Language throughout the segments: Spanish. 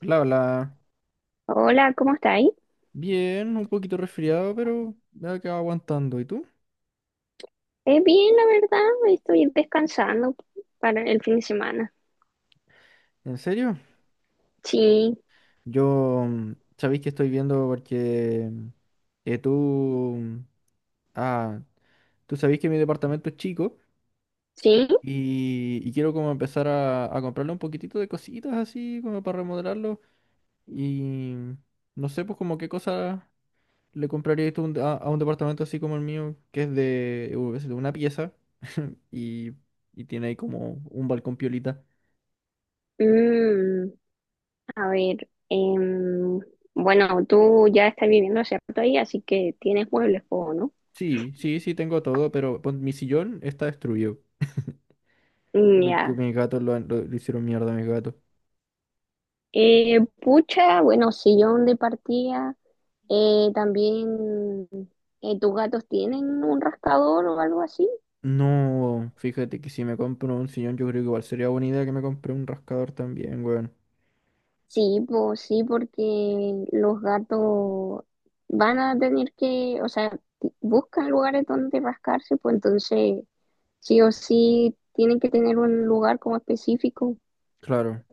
Bla, bla. Hola, ¿cómo estáis? Bien, un poquito resfriado, pero me ha quedado aguantando. ¿Y tú? Es bien, la verdad, estoy descansando para el fin de semana. ¿En serio? Sí, Yo sabéis que estoy viendo porque eh, tú, mm, ah, tú sabéis que mi departamento es chico sí. y quiero como empezar a comprarle un poquitito de cositas así como para remodelarlo y no sé pues como qué cosa le comprarías tú a un departamento así como el mío que es de, es de una pieza y, y tiene ahí como un balcón piolita. Mm, a ver, bueno, tú ya estás viviendo hace rato ahí, así que tienes muebles, po, ¿no? Sí, sí, sí, tengo todo, pero mi sillón está destruido. Mm. Porque Ya. mis gatos le hicieron mierda a mis gatos. Pucha, bueno, sillón de partida. Eh, también, ¿tus gatos tienen un rascador o algo así? No, fíjate que si me compro un sillón, yo creo que igual sería buena idea que me compre un rascador también, weón. Sí, pues sí, porque los gatos van a tener que, o sea, buscan lugares donde rascarse, pues entonces sí o sí tienen que tener un lugar como específico. Claro.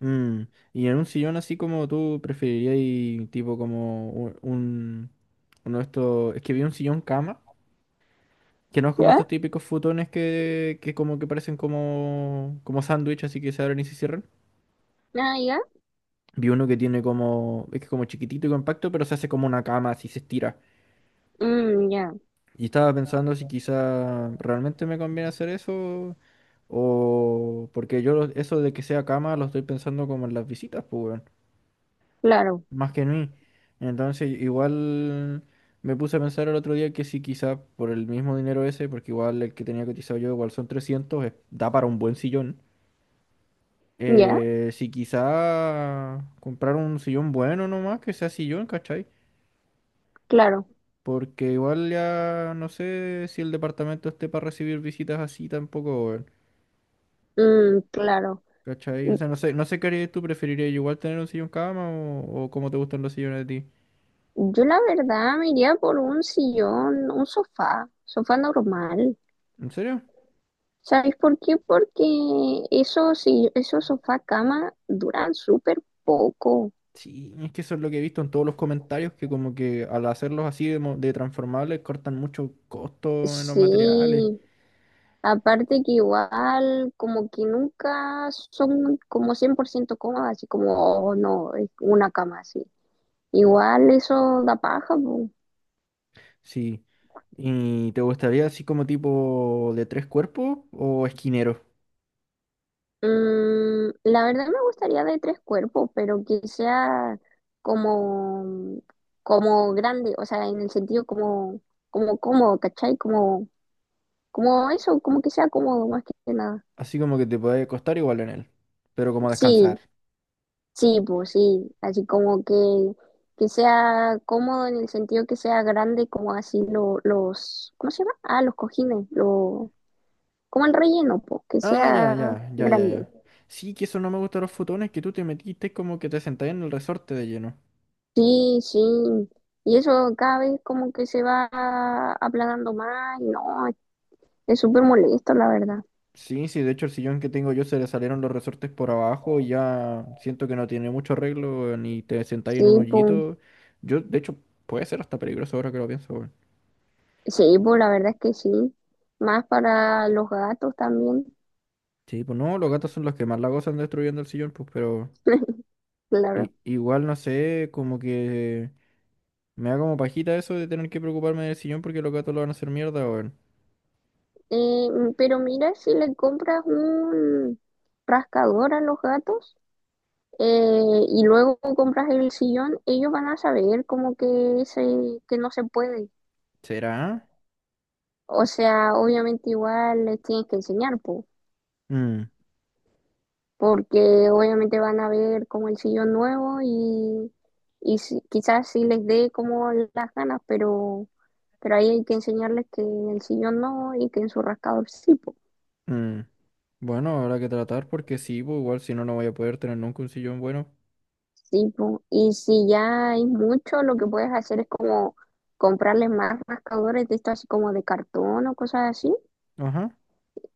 Mm. Y en un sillón así como tú preferirías, y tipo como uno de estos. Es que vi un sillón cama, que no es como ¿Ya? estos típicos futones que como que parecen como, como sándwich, así que se abren y se cierran. Ah, ya. Vi uno que tiene como, es que como chiquitito y compacto, pero se hace como una cama, así se estira. Mm, ya, Y estaba pensando si quizá realmente me conviene hacer eso o porque eso de que sea cama lo estoy pensando como en las visitas, pues, weón, claro, más que en mí. Entonces, igual me puse a pensar el otro día que si quizá por el mismo dinero ese, porque igual el que tenía cotizado yo, igual son trescientos, da para un buen sillón. ya, Si quizá comprar un sillón bueno nomás, que sea sillón, ¿cachai? claro. Porque igual ya no sé si el departamento esté para recibir visitas así tampoco, weón. Mm, claro. ¿Cachai? Mm, O sea, no sé qué harías tú. ¿Preferirías igual tener un sillón cama o cómo te gustan los sillones de ti? Yo la verdad me iría por un sillón, un sofá, sofá normal. ¿En serio? ¿Sabes por qué? Porque esos, si- esos sofá cama duran súper poco. Sí, es que eso es lo que he visto en todos los comentarios, que como que al hacerlos de transformables cortan mucho costo en los Sí, materiales. aparte que igual como que nunca son como 100% cómodas, así como, oh no, es una cama así. Igual eso da paja, po. Sí. ¿Y te gustaría así como tipo de tres cuerpos o esquinero? La verdad me gustaría de tres cuerpos, pero que sea como, como grande, o sea, en el sentido como, como cómodo, ¿cachai? Como, como eso, como que sea cómodo más que nada. Así como que te puede costar igual en él, pero como descansar. Sí, sí, pues sí, así como que sea cómodo en el sentido que sea grande, como los, ¿cómo se llama? Ah, los cojines, lo, como el relleno, pues, que Ah, ya, sea ya, ya, ya, grande. ya. Sí, que eso no me gusta de los futones, que tú te metiste como que te sentás en el resorte de lleno. Sí, sí, y eso cada vez como que se va aplanando más, y no, es súper molesto, la verdad. Sí, sí, de hecho el sillón que tengo yo se le salieron los resortes por abajo y ya siento que no tiene mucho arreglo, ni te sentáis en un Sí, pues, hoyito. Yo, de hecho, puede ser hasta peligroso ahora que lo pienso, weón. sí, pues la verdad es que sí, más para los gatos también. Sí, pues no, los gatos son los que más la gozan destruyendo el sillón, pues, pero Claro. igual no sé, como que me da como pajita eso de tener que preocuparme del sillón porque los gatos lo van a hacer mierda, weón. Pero mira, si le compras un rascador a los gatos eh, y luego compras el sillón, ellos van a saber como que, se, que no se puede. ¿Será? O sea, obviamente igual les tienes que enseñar, po, Mm. porque obviamente van a ver como el sillón nuevo y, quizás sí les dé como las ganas, pero ahí hay que enseñarles que en el sillón no y que en su rascador sí, po. Mm. Bueno, habrá que tratar porque sí, pues, igual si no, no voy a poder tener nunca un sillón bueno. Sí, po. Y si ya hay mucho, lo que puedes hacer es como comprarles más rascadores de esto así como de cartón o cosas así, Ajá.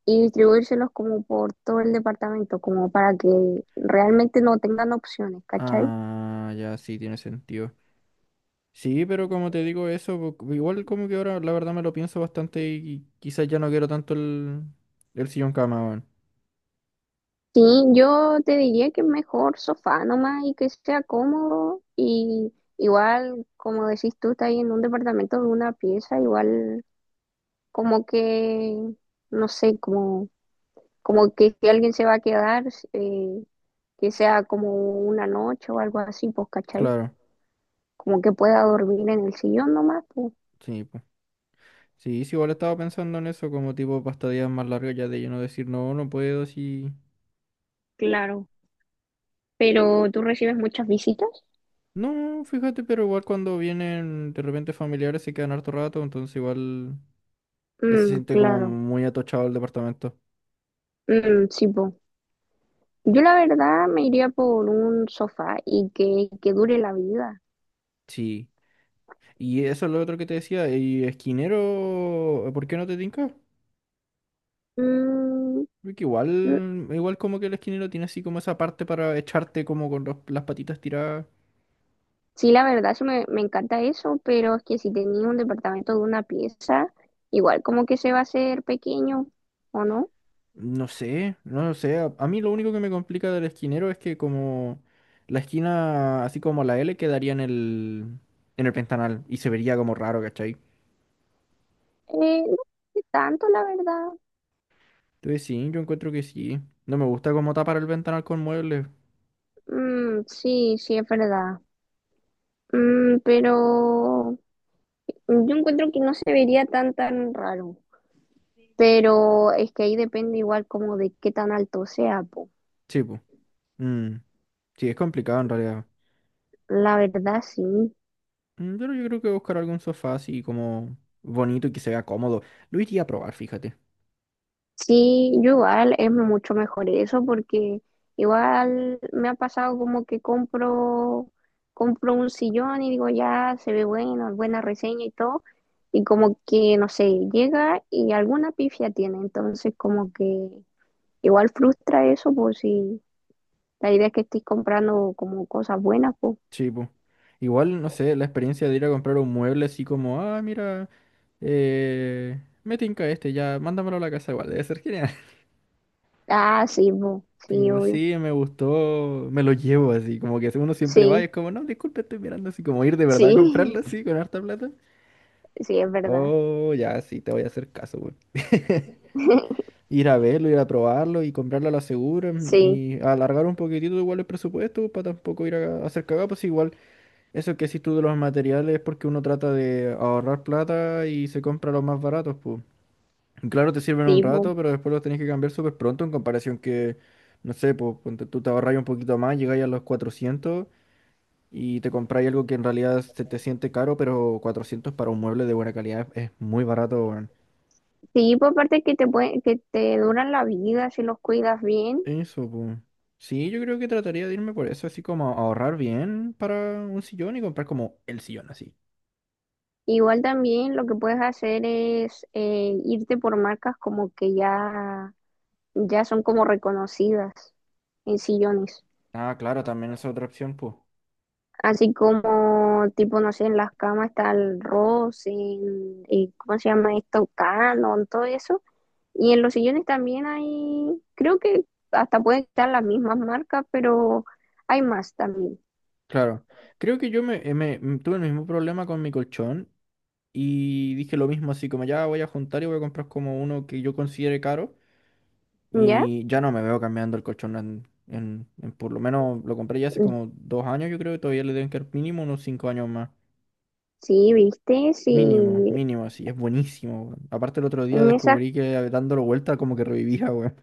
y distribuírselos como por todo el departamento, como para que realmente no tengan opciones, ¿cachai? Ah, ya, sí, tiene sentido. Sí, pero como te digo eso, pues, igual como que ahora la verdad me lo pienso bastante y quizás ya no quiero tanto el sillón cama, weón. Sí, yo te diría que mejor sofá nomás y que sea cómodo, y igual, como decís tú, estás ahí en un departamento de una pieza, igual como que, no sé, como, como que si alguien se va a quedar, eh, que sea como una noche o algo así, pues, ¿cachai? Claro, Como que pueda dormir en el sillón nomás, pues, sí, pues. Sí, sí, igual estaba pensando en eso como tipo pastadillas más largas ya de yo no decir no, no puedo, sí. claro. Pero tú recibes muchas visitas. No, fíjate, pero igual cuando vienen de repente familiares se quedan harto rato, entonces igual... Se Mm, siente como claro. muy atochado el departamento. Mm, sí, pues. Yo la verdad me iría por un sofá y que dure la vida. Sí. Y eso es lo otro que te decía. Y esquinero, ¿por qué no te tinca? Mm, Porque igual, mm, igual como que el esquinero tiene así como esa parte para echarte como con las patitas tiradas. sí, la verdad, eso me, me encanta eso, pero es que si tenía un departamento de una pieza, igual como que se va a hacer pequeño, ¿o no? No sé, no lo sé. A mí lo único que me complica del esquinero es que como la esquina, así como la L, quedaría en en el ventanal y se vería como raro, ¿cachai? No sé tanto, la verdad. Entonces sí, yo encuentro que sí. No me gusta como tapar el ventanal con muebles. Mm, sí, sí, es verdad. Mm, pero yo encuentro que no se vería tan tan raro. Pero es que ahí depende igual como de qué tan alto sea, po. Sí, pues. Mm. Sí, es complicado en realidad. La verdad sí. Mm. Pero yo creo que buscar algún sofá así como bonito y que se vea cómodo. Lo iría a probar, fíjate. Sí, yo igual es mucho mejor eso porque igual me ha pasado como que compro un sillón y digo ya se ve bueno, buena reseña y todo, y como que no sé, llega y alguna pifia tiene, entonces como que igual frustra eso, pues sí. La idea es que estoy comprando como cosas buenas, pues. Sí, pues. Igual, no sé, la experiencia de ir a comprar un mueble así como, ah, mira, me tinca este, ya, mándamelo a la casa igual, debe ser genial. Ah, sí, po. Sí, Como, obvio. sí, me gustó, me lo llevo así, como que uno siempre va y Sí, es como, no, disculpe, estoy mirando así, como ir de verdad sí, a comprarlo así con harta plata. sí, es verdad. Oh, ya, sí, te voy a hacer caso, güey. Ir a verlo, ir a probarlo y comprarlo a la segura mm, Sí, y alargar un poquitito igual el presupuesto para tampoco ir a hacer cagadas, pues igual eso que decís tú de los materiales es porque uno trata de ahorrar plata y se compra los más baratos, pues. Y claro, te sirven un rato, tipo, pero después los tenés que cambiar súper pronto en comparación que, no sé, pues ponte tú te ahorras un poquito más, llegáis a los 400 y te compráis algo que en realidad se te siente caro, pero 400 para un mueble de buena calidad es muy barato. sí, por parte que te puede, que te duran la vida si los cuidas bien. Eso, pues. Sí, yo creo que trataría de irme por eso, así como ahorrar bien para un sillón y comprar como el sillón así. Igual también lo que puedes hacer es irte por marcas como que ya, ya son como reconocidas en sillones. Ah, claro, también es otra opción, pues. Así como, tipo, no sé, en las camas está el Ross, en, y ¿cómo se llama esto? Canon, todo eso. Y en los sillones también hay, creo que hasta pueden estar las mismas marcas, pero hay más también. Claro. Creo que yo me, me- m- tuve el mismo problema con mi colchón y dije lo mismo, así como ya voy a juntar y voy a comprar como uno que yo considere caro ¿Ya? y ya no me veo cambiando el colchón en por lo menos lo compré ya hace como 2 años, yo creo que todavía le deben quedar mínimo unos 5 años más. Sí, viste, Mínimo, sí, mínimo, así, es buenísimo, weón. Aparte el otro día en esas, descubrí que dándolo vuelta como que revivía, weón.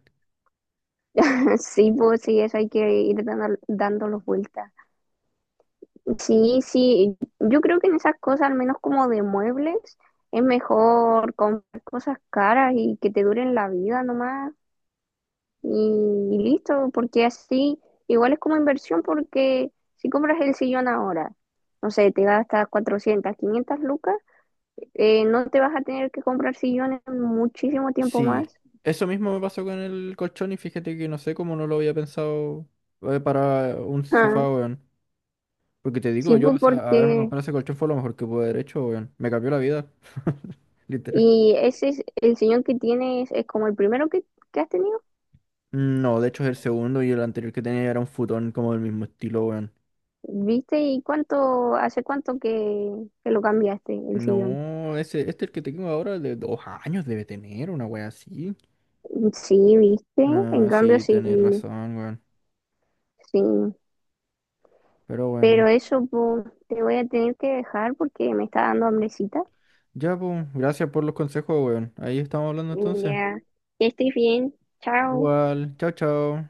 sí, pues sí, eso hay que ir dando, dándolos vueltas. Sí, sí, yo creo que en esas cosas, al menos como de muebles, es mejor comprar cosas caras y que te duren la vida nomás. Y listo, porque así igual es como inversión porque si compras el sillón ahora, no sé, te gastas 400, 500 lucas, no te vas a tener que comprar sillones muchísimo tiempo Sí, más. eso mismo me pasó con el colchón y fíjate que no sé cómo no lo había pensado para un Ah, sofá, weón. Porque te digo sí, yo, pues, o sea, haberme porque... comprado ese colchón fue lo mejor que pude haber hecho, weón. Me cambió la vida, literal. Y ese es el sillón que tienes, es como el primero que has tenido. No, de hecho es el segundo y el anterior que tenía era un futón como del mismo estilo, weón. ¿Viste? ¿Y cuánto, hace cuánto que lo cambiaste el sillón? No, ese, este el que tengo ahora de 2 años debe tener una wea así. Sí, ¿viste? En Ah, cambio, sí, sí, tenés razón, weón. sí. Pero bueno. Pero eso, pues, te voy a tener que dejar porque me está dando hambrecita. Ya, pues, gracias por los consejos, weón. Ahí estamos hablando entonces. Ya, ya estoy bien. Chao. Igual, chao, chao.